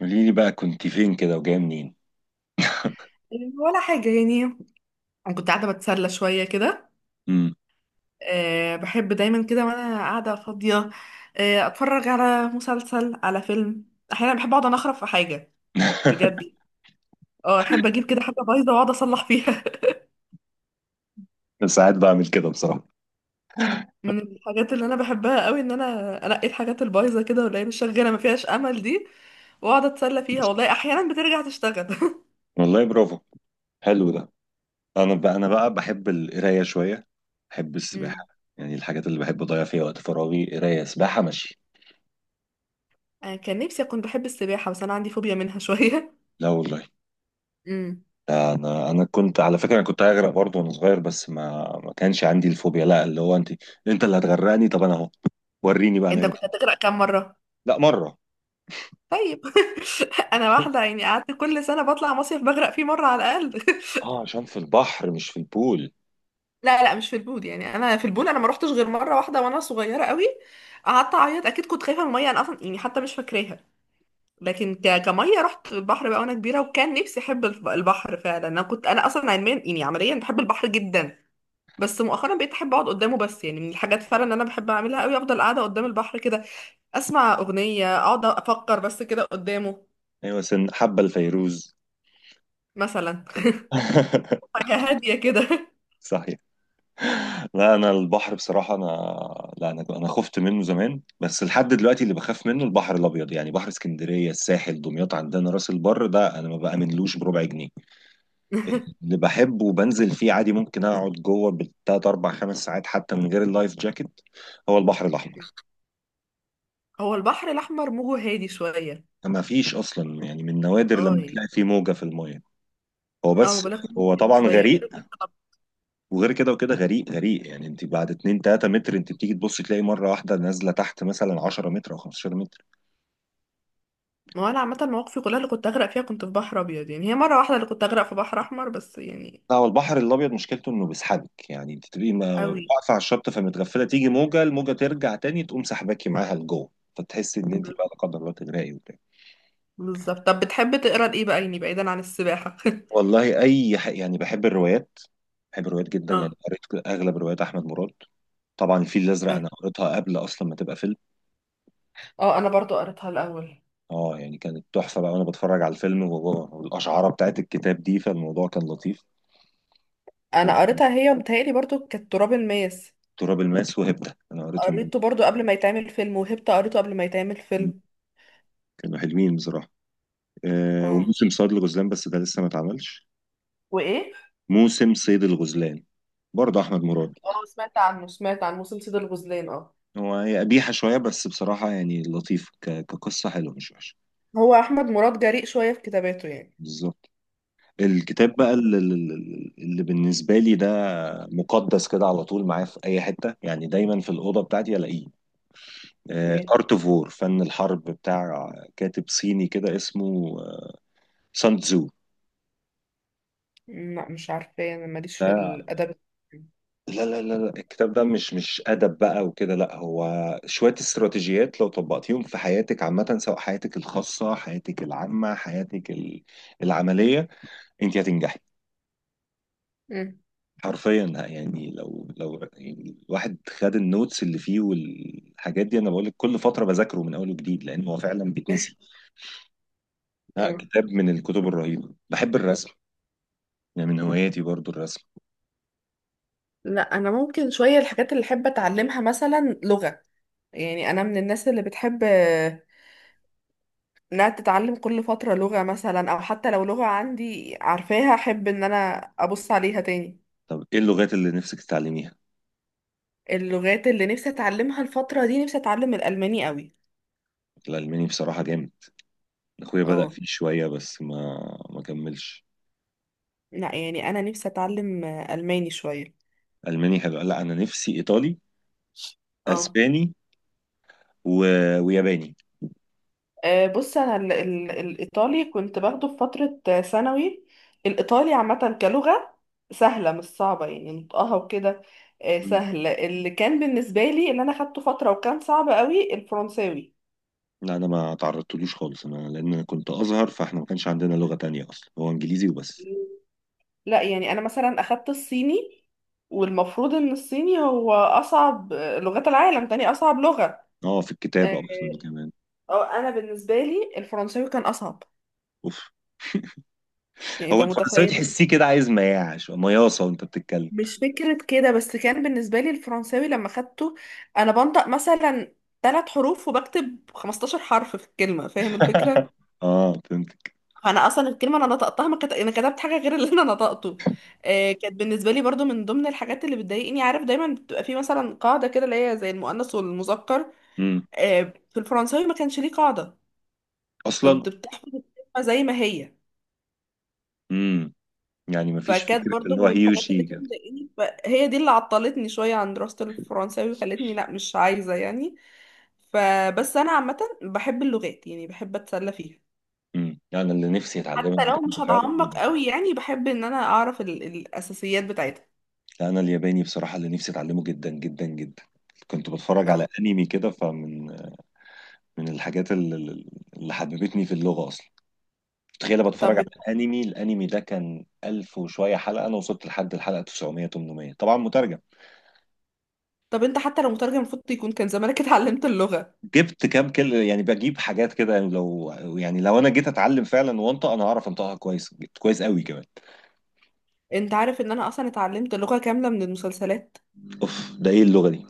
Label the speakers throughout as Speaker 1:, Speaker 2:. Speaker 1: قولي لي بقى كنت فين كده وجايه منين؟
Speaker 2: ولا حاجة يعني. أنا كنت قاعدة بتسلى شوية كده.
Speaker 1: امم.
Speaker 2: أه بحب دايما كده وأنا قاعدة فاضية. أه أتفرج على مسلسل على فيلم. أحيانا بحب أقعد أنخرف في حاجة بجد. اه أحب أجيب كده حاجة بايظة وأقعد أصلح فيها
Speaker 1: ساعات بعمل كده بصراحه.
Speaker 2: من الحاجات اللي أنا بحبها قوي إن أنا أنقي الحاجات البايظة كده واللي هي مش شغالة ما فيهاش أمل دي، وأقعد أتسلى فيها والله أحيانا بترجع تشتغل
Speaker 1: والله برافو، حلو ده. انا بقى بحب القرايه شويه، بحب
Speaker 2: أمم.
Speaker 1: السباحه. يعني الحاجات اللي بحب اضيع فيها وقت فراغي قرايه سباحه ماشي.
Speaker 2: أنا كان نفسي أكون بحب السباحة بس أنا عندي فوبيا منها شوية.
Speaker 1: لا والله،
Speaker 2: أمم.
Speaker 1: ده انا كنت على فكره، انا كنت هغرق برضه وانا صغير، بس ما كانش عندي الفوبيا. لا، اللي هو انت. انت اللي هتغرقني، طب انا اهو، وريني بقى نعمل
Speaker 2: أنت كنت
Speaker 1: إيه.
Speaker 2: هتغرق كام مرة؟
Speaker 1: لا، مره.
Speaker 2: طيب انا واحده يعني قعدت كل سنه بطلع مصيف بغرق فيه مره على الاقل.
Speaker 1: اه، عشان في البحر مش في البول.
Speaker 2: لا لا مش في البول، يعني انا في البول انا ما روحتش غير مره واحده وانا صغيره قوي. قعدت اعيط اكيد كنت خايفه من الميه، انا اصلا يعني حتى مش فاكراها. لكن كميه رحت البحر بقى وانا كبيره، وكان نفسي احب البحر فعلا. انا كنت انا اصلا علميا يعني عمليا بحب البحر جدا، بس مؤخرا بقيت احب اقعد قدامه بس. يعني من الحاجات فعلا اللي انا بحب اعملها قوي افضل قاعده قدام البحر كده، اسمع اغنيه اقعد افكر بس كده قدامه.
Speaker 1: ايوه، سن حبه الفيروز.
Speaker 2: مثلا حاجه هاديه كده.
Speaker 1: صح. لا، انا البحر بصراحه انا، لا انا خفت منه زمان بس لحد دلوقتي اللي بخاف منه البحر الابيض، يعني بحر اسكندريه، الساحل، دمياط، عندنا راس البر، ده انا ما بامنلوش بربع جنيه. اللي بحبه وبنزل فيه عادي ممكن اقعد جوه بالتلات اربع خمس ساعات حتى من غير اللايف جاكيت، هو البحر الاحمر.
Speaker 2: هو البحر الأحمر موجه هادي شوية.
Speaker 1: ما فيش اصلا، يعني من نوادر
Speaker 2: اه
Speaker 1: لما
Speaker 2: يعني.
Speaker 1: تلاقي فيه موجه في الميه. هو
Speaker 2: اه ما
Speaker 1: بس،
Speaker 2: بقولك موجه
Speaker 1: هو
Speaker 2: هادي
Speaker 1: طبعا
Speaker 2: شوية
Speaker 1: غريق.
Speaker 2: كده كنت
Speaker 1: وغير كده وكده غريق غريق، يعني انت بعد 2 3 متر انت بتيجي تبص تلاقي مره واحده نازله تحت مثلا 10 متر او 15 متر.
Speaker 2: ما هو أنا عامة مواقفي كلها اللي كنت أغرق فيها كنت في بحر أبيض. يعني هي مرة واحدة اللي كنت أغرق في بحر أحمر بس يعني.
Speaker 1: لا، هو البحر الابيض مشكلته انه بيسحبك، يعني انت تبقي
Speaker 2: أوي.
Speaker 1: واقفه على الشط، فمتغفله تيجي موجه، الموجه ترجع تاني تقوم سحباكي معاها لجوه، فتحسي ان انت بقى لا قدر الله تغرقي وبتاع.
Speaker 2: بالظبط. طب بتحب تقرا لإيه بقى؟ يعني بعيدا عن السباحة
Speaker 1: والله يعني بحب الروايات، بحب الروايات جدا. يعني
Speaker 2: اه.
Speaker 1: قريت اغلب روايات احمد مراد. طبعا الفيل الازرق انا قريتها قبل اصلا ما تبقى فيلم.
Speaker 2: اه أنا برضو قريتها الأول.
Speaker 1: اه يعني كانت تحفه بقى، وانا بتفرج على الفيلم والاشعاره بتاعت الكتاب دي، فالموضوع كان لطيف.
Speaker 2: أنا
Speaker 1: وتراب
Speaker 2: قريتها هي ومتهيألي برضو كانت تراب الماس.
Speaker 1: الماس وهبده انا قريتهم،
Speaker 2: قريته برضو قبل ما يتعمل فيلم، وهبت قريته قبل ما يتعمل فيلم.
Speaker 1: كانوا حلوين بصراحه. آه،
Speaker 2: اه.
Speaker 1: وموسم صياد الغزلان، بس ده لسه ما اتعملش.
Speaker 2: وايه؟
Speaker 1: موسم صيد الغزلان، برضه احمد مراد.
Speaker 2: اه سمعت عنه، سمعت عن موسم سيد الغزلان. اه.
Speaker 1: هو هي قبيحه شويه بس بصراحه يعني لطيف، كقصه حلوه مش وحشه.
Speaker 2: هو احمد مراد جريء شويه في كتاباته يعني.
Speaker 1: بالظبط. الكتاب بقى اللي بالنسبه لي ده مقدس كده، على طول معايا في اي حته، يعني دايما في الاوضه بتاعتي الاقيه:
Speaker 2: ايه.
Speaker 1: ارت اوف وور، فن الحرب، بتاع كاتب صيني كده اسمه سان
Speaker 2: لا مش عارفه، انا ماليش في
Speaker 1: تزو.
Speaker 2: الادب.
Speaker 1: لا لا لا لا، الكتاب ده مش أدب بقى وكده، لا هو شوية استراتيجيات، لو طبقتيهم في حياتك عامة، سواء حياتك الخاصة، حياتك العامة، حياتك العملية، انت هتنجحي
Speaker 2: مم.
Speaker 1: حرفيا. يعني لو يعني الواحد خد النوتس اللي فيه والحاجات دي، انا بقول لك كل فترة بذاكره من اول وجديد، لان هو فعلا بيتنسي. لا،
Speaker 2: اه.
Speaker 1: كتاب من الكتب الرهيبة. بحب الرسم، يعني من هواياتي برضو الرسم.
Speaker 2: لا انا ممكن شويه، الحاجات اللي احب اتعلمها مثلا لغه. يعني انا من الناس اللي بتحب انها تتعلم كل فتره لغه، مثلا او حتى لو لغه عندي عارفاها احب ان انا ابص عليها تاني.
Speaker 1: طب ايه اللغات اللي نفسك تتعلميها؟
Speaker 2: اللغات اللي نفسي اتعلمها الفتره دي نفسي اتعلم الالماني قوي.
Speaker 1: الألماني بصراحة جامد. اخويا بدأ
Speaker 2: اه.
Speaker 1: فيه شوية بس ما كملش.
Speaker 2: لا يعني انا نفسي اتعلم الماني شويه.
Speaker 1: الماني حلو، لا انا نفسي ايطالي،
Speaker 2: اه.
Speaker 1: اسباني، و... وياباني.
Speaker 2: بص انا ال ال الايطالي كنت باخده في فتره ثانوي. الايطالي عامه كلغه سهله مش صعبه، يعني نطقها وكده
Speaker 1: مم.
Speaker 2: سهل. اللي كان بالنسبه لي اللي انا اخدته فتره وكان صعب قوي الفرنساوي.
Speaker 1: لا، انا ما تعرضتلوش خالص انا، لان انا كنت ازهر، فاحنا ما كانش عندنا لغة تانية اصلا، هو انجليزي وبس.
Speaker 2: لا يعني انا مثلا اخدت الصيني، والمفروض ان الصيني هو اصعب لغات العالم، تاني اصعب لغه.
Speaker 1: اه، في
Speaker 2: آه،
Speaker 1: الكتابة اصلا كمان.
Speaker 2: أو انا بالنسبه لي الفرنساوي كان اصعب.
Speaker 1: اوف.
Speaker 2: يعني
Speaker 1: هو
Speaker 2: انت
Speaker 1: الفرنساوي
Speaker 2: متخيل.
Speaker 1: تحسيه كده عايز مياعش مياصة وانت بتتكلم.
Speaker 2: مش فكرة كده، بس كان بالنسبة لي الفرنساوي لما خدته أنا بنطق مثلا ثلاث حروف وبكتب 15 حرف في الكلمة، فاهم الفكرة؟
Speaker 1: اه فهمت.
Speaker 2: فأنا أصلا الكلمة أنا نطقتها ما كت... أنا كتبت حاجة غير اللي أنا نطقته. آه، كانت بالنسبة لي برضو من ضمن الحاجات اللي بتضايقني، عارف دايما بتبقى في مثلا قاعدة كده اللي هي زي المؤنث والمذكر.
Speaker 1: امم.
Speaker 2: آه. في الفرنساوي ما كانش ليه قاعدة،
Speaker 1: اصلا.
Speaker 2: كنت بتحفظ الكلمة زي ما هي.
Speaker 1: امم. يعني ما فيش
Speaker 2: فكانت
Speaker 1: فكرة
Speaker 2: برضو
Speaker 1: اللي هو
Speaker 2: من
Speaker 1: هي
Speaker 2: الحاجات اللي
Speaker 1: وشي
Speaker 2: كانت
Speaker 1: كده.
Speaker 2: مضايقاني، فهي دي اللي عطلتني شوية عن دراسة الفرنساوي وخلتني لا مش عايزة يعني. فبس انا عامه بحب اللغات يعني بحب اتسلى فيها،
Speaker 1: امم. يعني اللي نفسي اتعلمها
Speaker 2: حتى لو
Speaker 1: بجد
Speaker 2: مش
Speaker 1: فعلا،
Speaker 2: هتعمق
Speaker 1: يعني
Speaker 2: قوي يعني بحب ان انا اعرف الاساسيات بتاعتها.
Speaker 1: لا انا الياباني بصراحه اللي نفسي اتعلمه جدا جدا جدا. كنت بتفرج على
Speaker 2: اه.
Speaker 1: انمي كده، فمن من الحاجات اللي حببتني في اللغه اصلا. تخيل، بتفرج
Speaker 2: طب.
Speaker 1: على انمي، الانمي ده كان 1000 وشويه حلقه، انا وصلت لحد الحلقه 900 800، طبعا مترجم.
Speaker 2: طب انت حتى لو مترجم المفروض يكون كان زمانك اتعلمت اللغه.
Speaker 1: جبت كام كلمه يعني، بجيب حاجات كده، يعني لو يعني لو انا جيت اتعلم فعلا وانطق انا هعرف انطقها كويس كويس قوي كمان.
Speaker 2: انت عارف ان انا اصلا اتعلمت لغه كامله من المسلسلات؟
Speaker 1: اوف، ده ايه اللغه دي؟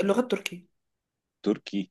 Speaker 2: اللغه التركيه.
Speaker 1: تركي.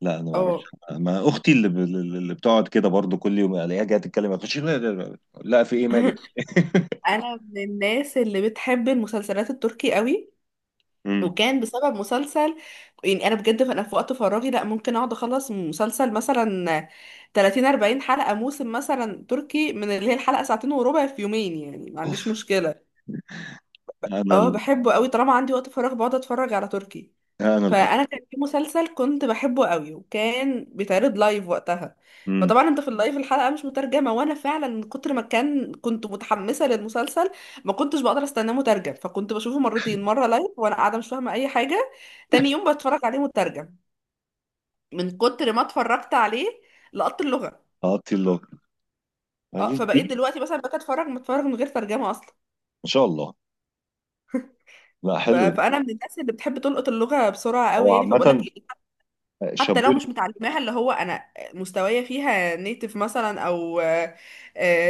Speaker 1: لا انا ما اعرفش.
Speaker 2: اه.
Speaker 1: ما اختي اللي بتقعد كده برضو كل يوم الاقيها جايه تتكلم، اخش لا, لا, لا, لا في ايه مالك.
Speaker 2: انا من الناس اللي بتحب المسلسلات التركي قوي،
Speaker 1: امم.
Speaker 2: وكان بسبب مسلسل. يعني انا بجد انا في وقت فراغي لا ممكن اقعد اخلص مسلسل مثلا 30 40 حلقة، موسم مثلا تركي من اللي هي الحلقة ساعتين وربع في يومين يعني ما عنديش
Speaker 1: اوف.
Speaker 2: مشكلة.
Speaker 1: انا
Speaker 2: اه
Speaker 1: ال...
Speaker 2: بحبه قوي، طالما عندي وقت فراغ بقعد اتفرج على تركي.
Speaker 1: انا القط.
Speaker 2: فانا كان في مسلسل كنت بحبه قوي وكان بيتعرض لايف وقتها،
Speaker 1: امم.
Speaker 2: فطبعا انت في اللايف الحلقه مش مترجمه، وانا فعلا من كتر ما كان كنت متحمسه للمسلسل ما كنتش بقدر استناه مترجم، فكنت بشوفه مرتين، مره لايف وانا قاعده مش فاهمه اي حاجه، تاني يوم بتفرج عليه مترجم. من كتر ما اتفرجت عليه لقطت اللغه.
Speaker 1: هقطي اللغه،
Speaker 2: اه
Speaker 1: ماليش
Speaker 2: فبقيت
Speaker 1: بيه.
Speaker 2: دلوقتي مثلا بقيت اتفرج متفرج من غير ترجمه اصلا.
Speaker 1: ما شاء الله، لا حلو ده.
Speaker 2: فانا من الناس اللي بتحب تلقط اللغه بسرعه قوي
Speaker 1: هو
Speaker 2: يعني، فبقول لك
Speaker 1: عامة
Speaker 2: إيه، حتى لو
Speaker 1: شابول.
Speaker 2: مش متعلماها، اللي هو انا مستوايا فيها نيتف مثلا او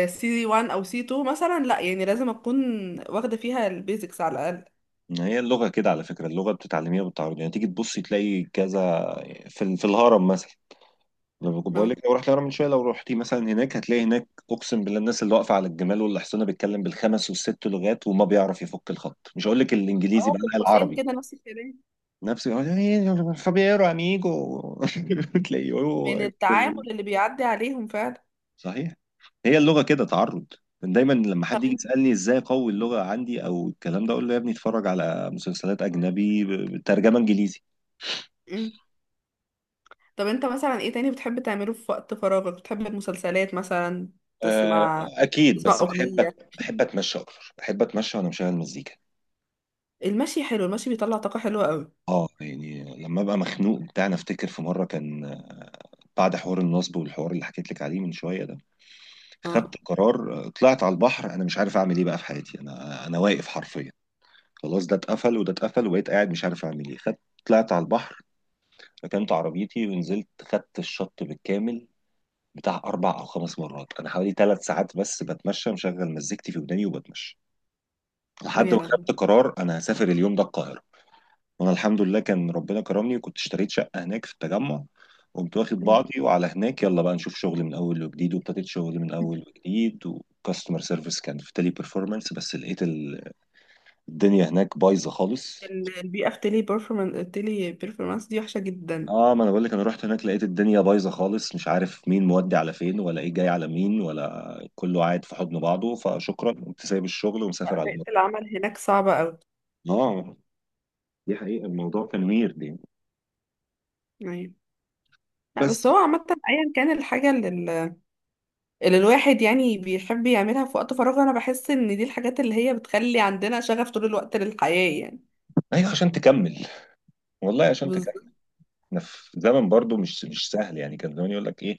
Speaker 2: سي 1 او سي 2 مثلا، لا يعني لازم اكون واخده فيها البيزكس على الاقل.
Speaker 1: هي اللغة كده على فكرة، اللغة بتتعلميها بالتعرض، يعني تيجي تبصي تلاقي كذا. في الهرم مثلا، لما كنت بقول لك
Speaker 2: اه.
Speaker 1: لو رحت الهرم من شويه، لو رحتي مثلا هناك هتلاقي هناك، اقسم بالله الناس اللي واقفه على الجمال والحصانه بيتكلم بالخمس والست لغات وما بيعرف يفك الخط، مش هقول لك الانجليزي
Speaker 2: اه
Speaker 1: بقى،
Speaker 2: في
Speaker 1: لا
Speaker 2: القوسين
Speaker 1: العربي.
Speaker 2: كده نفس الكلام،
Speaker 1: نفسي يقول "إيه، فابيرو اميجو". تلاقيه هو.
Speaker 2: من التعامل اللي بيعدي عليهم فعلا.
Speaker 1: صحيح. هي اللغه كده تعرض. دايما لما
Speaker 2: طب
Speaker 1: حد يجي
Speaker 2: انت
Speaker 1: يسالني ازاي اقوي اللغه عندي او الكلام ده، اقول له يا ابني اتفرج على مسلسلات اجنبي بترجمه انجليزي.
Speaker 2: مم. طب انت مثلا ايه تاني بتحب تعمله في وقت فراغك؟ بتحب المسلسلات مثلا،
Speaker 1: آه،
Speaker 2: تسمع
Speaker 1: اكيد،
Speaker 2: تسمع
Speaker 1: بس بحب
Speaker 2: اغنيه.
Speaker 1: بحب اتمشى اكتر. بحب اتمشى وانا مشغل مزيكا.
Speaker 2: المشي حلو، المشي بيطلع طاقه حلوه قوي.
Speaker 1: اه، يعني لما ابقى مخنوق بتاع انا افتكر في مره كان بعد حوار النصب والحوار اللي حكيت لك عليه من شويه ده، خدت
Speaker 2: اه.
Speaker 1: قرار طلعت على البحر، انا مش عارف اعمل ايه بقى في حياتي، انا واقف حرفيا، خلاص ده اتقفل وده اتقفل، وبقيت قاعد مش عارف اعمل ايه. خدت، طلعت على البحر، ركنت عربيتي ونزلت خدت الشط بالكامل بتاع اربع او خمس مرات، انا حوالي ثلاث ساعات بس بتمشى مشغل مزيكتي في وداني وبتمشى، لحد
Speaker 2: يا
Speaker 1: ما
Speaker 2: لهوي.
Speaker 1: خدت قرار انا هسافر اليوم ده القاهره. وانا الحمد لله كان ربنا كرمني، وكنت اشتريت شقه هناك في التجمع، قمت واخد
Speaker 2: مم.
Speaker 1: بعضي وعلى هناك يلا بقى نشوف شغل من اول وجديد، وابتديت شغل من اول وجديد وكاستمر سيرفيس كان في تيلي بيرفورمانس، بس لقيت الدنيا هناك بايظه خالص.
Speaker 2: البيئة في تيلي بيرفورمانس، تيلي بيرفورمانس دي وحشة جدا.
Speaker 1: اه، ما انا بقول لك انا رحت هناك لقيت الدنيا بايظه خالص، مش عارف مين مودي على فين ولا ايه جاي على مين ولا كله قاعد في حضن بعضه، فشكرا قمت سايب الشغل ومسافر على
Speaker 2: بيئة
Speaker 1: مصر.
Speaker 2: العمل هناك صعبة أوي.
Speaker 1: اه، دي حقيقة الموضوع كان ويرد يعني.
Speaker 2: أيوة. لا بس
Speaker 1: بس.
Speaker 2: هو عامة أيا كان الحاجة اللي اللي الواحد يعني بيحب يعملها في وقت فراغه أنا بحس إن دي الحاجات اللي هي بتخلي عندنا شغف طول الوقت للحياة يعني.
Speaker 1: ايوه عشان تكمل، والله عشان تكمل.
Speaker 2: بالظبط.
Speaker 1: احنا في زمن برضو مش سهل. يعني كان زمان يقول لك ايه،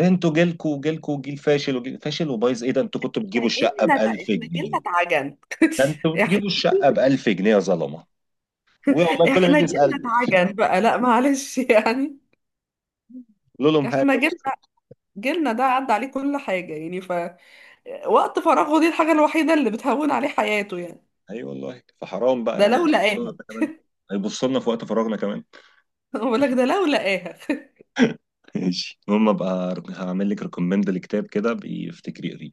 Speaker 1: انتوا جيلكوا جيلكوا جيل فاشل وجيل فاشل وبايظ، ايه ده انتوا كنتوا بتجيبوا الشقه ب 1000
Speaker 2: احنا جيلنا
Speaker 1: جنيه
Speaker 2: اتعجن
Speaker 1: ده انتوا
Speaker 2: احنا
Speaker 1: بتجيبوا الشقه ب 1000 جنيه يا ظلمه، والله كل ما
Speaker 2: احنا
Speaker 1: يجي
Speaker 2: جيلنا
Speaker 1: يسال
Speaker 2: اتعجن بقى لا معلش يعني.
Speaker 1: قول لهم حاجه
Speaker 2: احنا
Speaker 1: بقى.
Speaker 2: جيلنا، جيلنا ده عدى عليه كل حاجة يعني، ف وقت فراغه دي الحاجة الوحيدة اللي بتهون عليه حياته يعني.
Speaker 1: اي والله، فحرام بقى
Speaker 2: ده
Speaker 1: يعني،
Speaker 2: لو
Speaker 1: هيبصوا
Speaker 2: لقاه.
Speaker 1: لنا كمان، هيبصوا لنا في وقت فراغنا كمان.
Speaker 2: بقول لك ده لو لقاها
Speaker 1: ماشي، المهم ابقى هعمل لك ريكومند لكتاب كده، بيفتكري اقريه.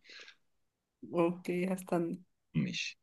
Speaker 2: اوكي هستنى.
Speaker 1: ماشي.